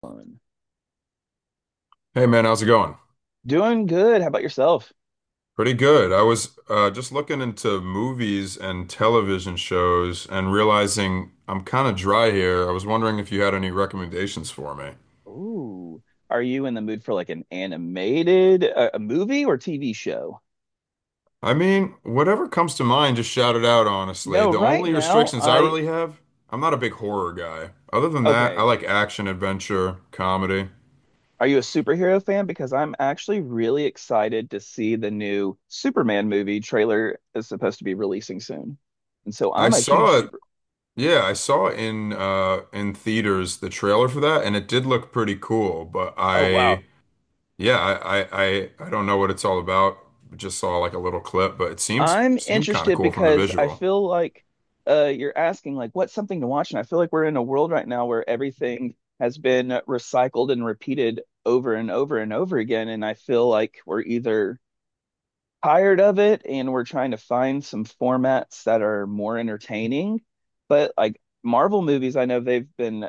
Fun. Hey man, how's it going? Doing good. How about yourself? Pretty good. I was just looking into movies and television shows and realizing I'm kind of dry here. I was wondering if you had any recommendations for me. Ooh. Are you in the mood for like an animated a movie or TV show? I mean, whatever comes to mind, just shout it out, You honestly. know, The right only now restrictions I I really have, I'm not a big horror guy. Other than that, I Okay. like action, adventure, comedy. Are you a superhero fan? Because I'm actually really excited to see the new Superman movie trailer is supposed to be releasing soon. And so I I'm a huge saw it, super. yeah, I saw in in theaters the trailer for that, and it did look pretty cool, but Oh wow, I Yeah, I, I I I don't know what it's all about. Just saw like a little clip, but it seems I'm seems kind of interested cool from the because I visual. feel like you're asking like what's something to watch, and I feel like we're in a world right now where everything has been recycled and repeated over and over and over again, and I feel like we're either tired of it and we're trying to find some formats that are more entertaining, but like Marvel movies, I know they've been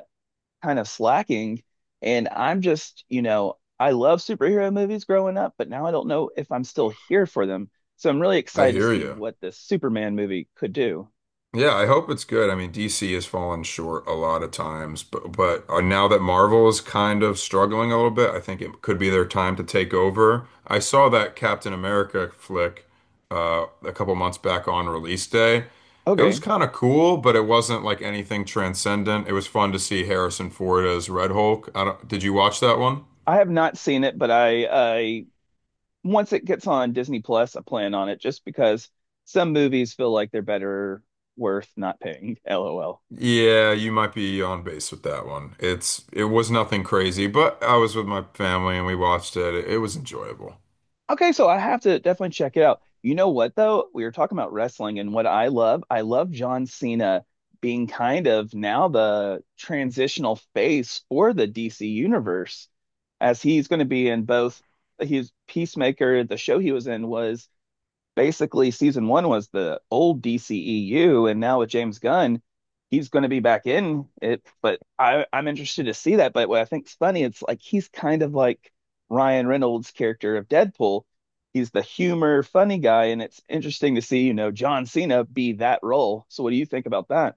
kind of slacking. And I'm just, you know, I love superhero movies growing up, but now I don't know if I'm still here for them. So I'm really I excited to hear see you. what this Superman movie could do. Yeah, I hope it's good. I mean, DC has fallen short a lot of times, but now that Marvel is kind of struggling a little bit, I think it could be their time to take over. I saw that Captain America flick a couple months back on release day. It was Okay. kind of cool, but it wasn't like anything transcendent. It was fun to see Harrison Ford as Red Hulk. I don't, did you watch that one? I have not seen it, but I once it gets on Disney Plus, I plan on it just because some movies feel like they're better worth not paying. LOL. Yeah, you might be on base with that one. It was nothing crazy, but I was with my family and we watched it. It was enjoyable. Okay, so I have to definitely check it out. You know what though? We were talking about wrestling and what I love. I love John Cena being kind of now the transitional face for the DC universe, as he's going to be in both his Peacemaker, the show he was in was basically season one was the old DCEU, and now with James Gunn, he's going to be back in it. But I'm interested to see that. But what I think's funny, it's like he's kind of like Ryan Reynolds' character of Deadpool. He's the humor, funny guy, and it's interesting to see, you know, John Cena be that role. So what do you think about that?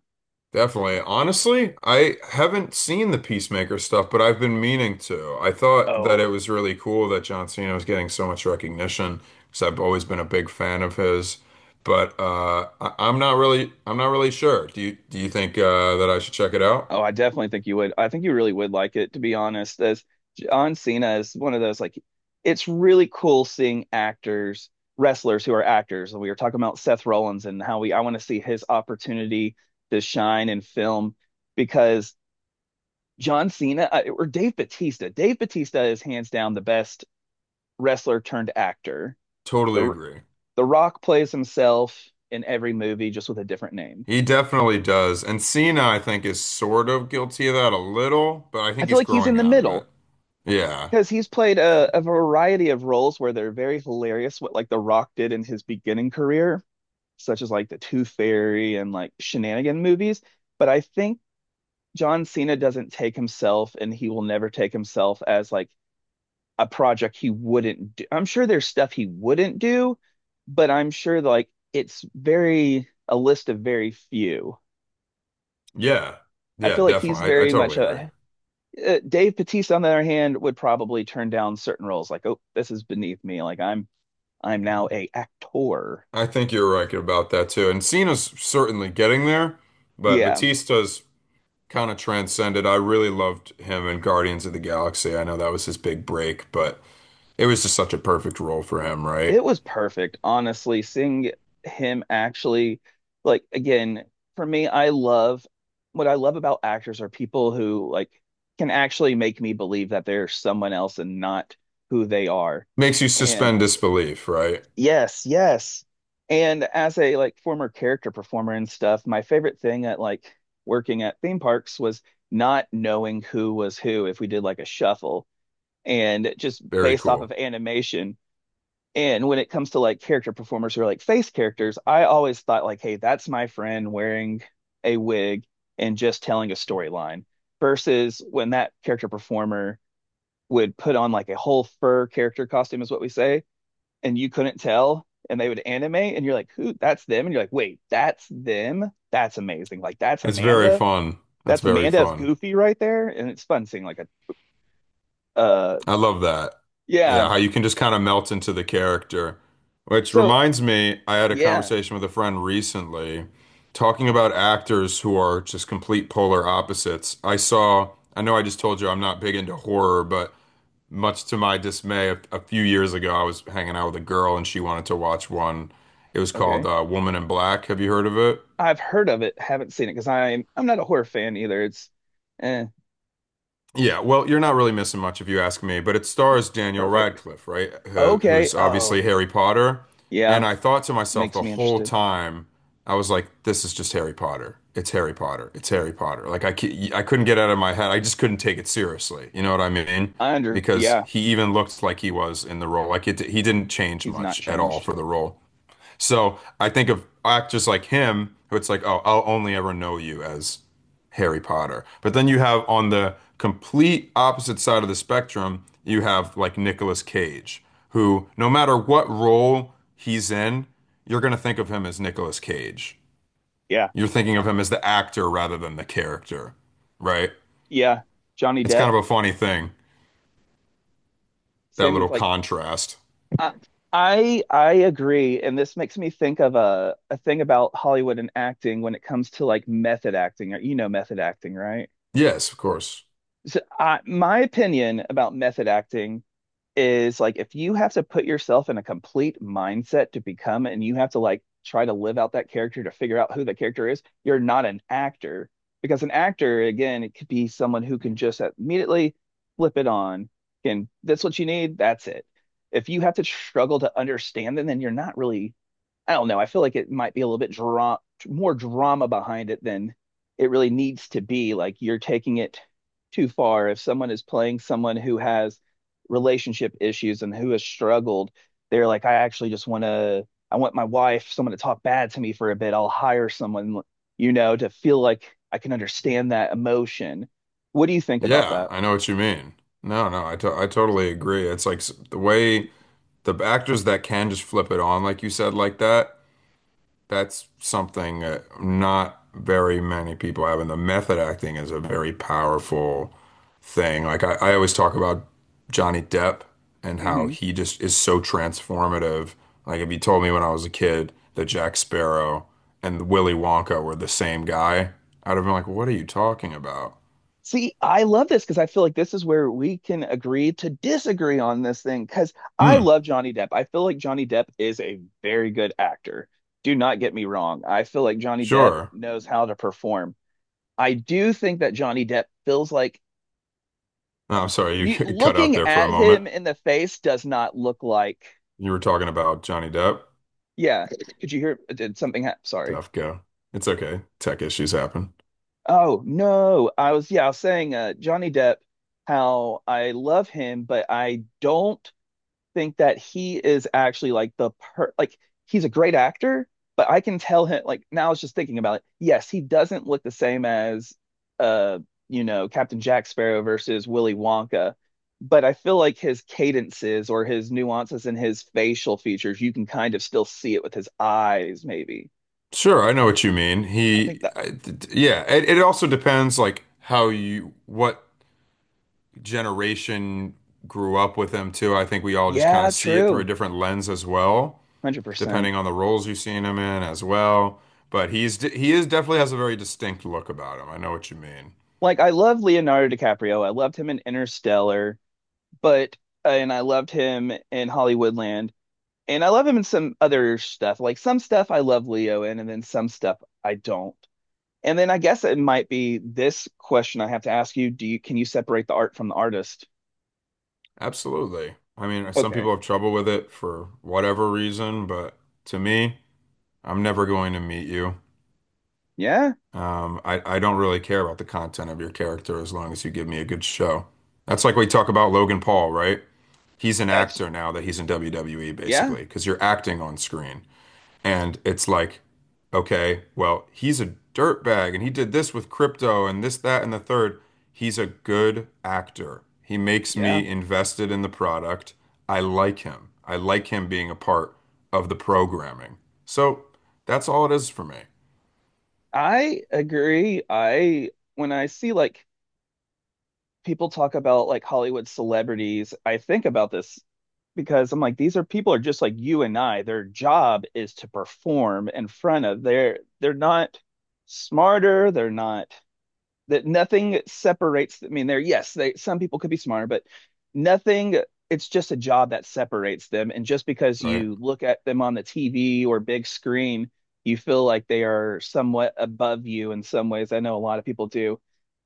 Definitely. Honestly, I haven't seen the Peacemaker stuff, but I've been meaning to. I thought that Oh, it was really cool that John Cena was getting so much recognition because I've always been a big fan of his. But I'm not really sure. Do you think that I should check it out? oh, I definitely think you would. I think you really would like it, to be honest. As John Cena is one of those, like, it's really cool seeing actors, wrestlers who are actors. We were talking about Seth Rollins and how we, I want to see his opportunity to shine in film because John Cena or Dave Batista, Dave Batista is hands down the best wrestler turned actor. Totally The agree. The Rock plays himself in every movie, just with a different name. He definitely does. And Cena, I think, is sort of guilty of that a little, but I I think feel he's like he's in growing the out of middle. it. Yeah. Because he's played a variety of roles where they're very hilarious, what like The Rock did in his beginning career, such as like the Tooth Fairy and like Shenanigan movies. But I think John Cena doesn't take himself and he will never take himself as like a project he wouldn't do. I'm sure there's stuff he wouldn't do, but I'm sure like it's very a list of very few. Yeah. I Yeah, feel like he's definitely. I very much totally agree. a Dave Bautista, on the other hand, would probably turn down certain roles like, oh, this is beneath me. Like I'm now a actor. I think you're right about that too. And Cena's certainly getting there, but Yeah, Batista's kind of transcended. I really loved him in Guardians of the Galaxy. I know that was his big break, but it was just such a perfect role for him, right? it was perfect. Honestly, seeing him actually, like, again, for me, I love what I love about actors are people who like can actually make me believe that they're someone else and not who they are. Makes you And suspend disbelief, right? yes, yes. And as a like former character performer and stuff, my favorite thing at like working at theme parks was not knowing who was who if we did like a shuffle, and just Very based off of cool. animation. And when it comes to like character performers who are like face characters, I always thought like, hey, that's my friend wearing a wig and just telling a storyline. Versus when that character performer would put on like a whole fur character costume, is what we say, and you couldn't tell, and they would animate, and you're like, who? That's them, and you're like, wait, that's them. That's amazing. Like that's It's very Amanda. fun. That's That's very Amanda as fun. Goofy right there, and it's fun seeing like a uh I love that. yeah. Yeah, how you can just kind of melt into the character. Which So reminds me, I had a yeah, conversation with a friend recently talking about actors who are just complete polar opposites. I saw, I know I just told you I'm not big into horror, but much to my dismay, a few years ago, I was hanging out with a girl and she wanted to watch one. It was called okay. Woman in Black. Have you heard of it? I've heard of it, haven't seen it because I'm not a horror fan either. It's eh, Yeah, well, you're not really missing much if you ask me, but it stars Daniel perfect. Radcliffe, right? Uh, Okay. who's obviously Oh, Harry Potter. yeah, And I thought to myself makes the me whole interested. time, I was like, this is just Harry Potter. It's Harry Potter. It's Harry Potter. I couldn't get it out of my head. I just couldn't take it seriously. You know what I mean? I under Because yeah, he even looked like he was in the role. He didn't change he's not much at all changed. for the role. So I think of actors like him, who it's like, oh, I'll only ever know you as Harry Potter. But then you have on the complete opposite side of the spectrum, you have like Nicolas Cage, who no matter what role he's in, you're going to think of him as Nicolas Cage. Yeah, You're thinking uh, of him as the actor rather than the character, right? yeah, Johnny It's Depp. kind of a funny thing, that Same little with like contrast. I I agree, and this makes me think of a thing about Hollywood and acting when it comes to like method acting. You know method acting, right? Yes, of course. So I, my opinion about method acting is like if you have to put yourself in a complete mindset to become and you have to like try to live out that character to figure out who the character is, you're not an actor. Because an actor, again, it could be someone who can just immediately flip it on. And that's what you need, that's it. If you have to struggle to understand them, then you're not really I don't know. I feel like it might be a little bit dra more drama behind it than it really needs to be. Like you're taking it too far. If someone is playing someone who has relationship issues and who has struggled, they're like, I actually just want to, I want my wife, someone to talk bad to me for a bit. I'll hire someone, you know, to feel like I can understand that emotion. What do you think about Yeah, that? I know what you mean. No, no, I totally agree. The way the actors that can just flip it on, like you said, like that, that's something that not very many people have. And the method acting is a very powerful thing. Like I always talk about Johnny Depp and how Mhm. he just is so transformative. Like if you told me when I was a kid that Jack Sparrow and Willy Wonka were the same guy, I'd have been like, "What are you talking about?" See, I love this because I feel like this is where we can agree to disagree on this thing because I Hmm, love Johnny Depp. I feel like Johnny Depp is a very good actor. Do not get me wrong. I feel like Johnny Depp sure. knows how to perform. I do think that Johnny Depp feels like No, I'm sorry, you you cut out looking there for a at moment. him in the face does not look like, You were talking about Johnny Depp. yeah. Could you hear? Did something happen? Sorry. Tough go. It's okay. Tech issues happen. Oh, no. I was, yeah, I was saying Johnny Depp, how I love him, but I don't think that he is actually like the per like he's a great actor, but I can tell him like now I was just thinking about it. Yes, he doesn't look the same as uh you know Captain Jack Sparrow versus Willy Wonka, but I feel like his cadences or his nuances and his facial features, you can kind of still see it with his eyes, maybe. Sure, I know what you mean. I think He, that I, d- d- Yeah, it also depends like how you, what generation grew up with him too. I think we all just kind yeah, of see it through a true. different lens as well, 100%. depending on the roles you've seen him in as well. He is definitely has a very distinct look about him. I know what you mean. Like I love Leonardo DiCaprio. I loved him in Interstellar, but and I loved him in Hollywoodland. And I love him in some other stuff. Like some stuff I love Leo in, and then some stuff I don't. And then I guess it might be this question I have to ask you. Do you can you separate the art from the artist? Absolutely. I mean, some Okay. people have trouble with it for whatever reason, but to me, I'm never going to meet you. Yeah. I don't really care about the content of your character as long as you give me a good show. That's like we talk about Logan Paul, right? He's an That's actor now that he's in WWE, yeah. basically, because you're acting on screen. And it's like, okay, well, he's a dirtbag and he did this with crypto and this, that, and the third. He's a good actor. He makes Yeah. me invested in the product. I like him. I like him being a part of the programming. So that's all it is for me, I agree. I when I see like people talk about like Hollywood celebrities, I think about this because I'm like, these are people are just like you and I. Their job is to perform in front of they're not smarter, they're not that nothing separates. I mean, they're yes, they some people could be smarter, but nothing, it's just a job that separates them. And just because right? you look at them on the TV or big screen, you feel like they are somewhat above you in some ways. I know a lot of people do,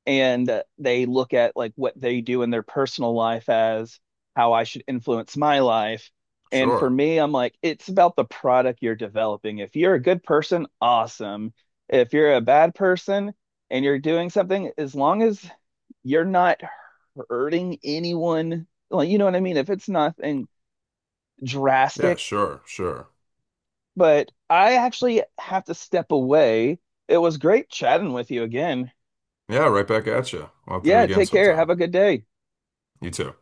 and they look at like what they do in their personal life as how I should influence my life. And for Sure. me, I'm like, it's about the product you're developing. If you're a good person, awesome. If you're a bad person and you're doing something, as long as you're not hurting anyone, like, you know what I mean? If it's nothing Yeah, drastic, sure, sure. but I actually have to step away. It was great chatting with you again. Yeah, right back at you. We'll have to do it Yeah, again take care. sometime. Have a good day. You too.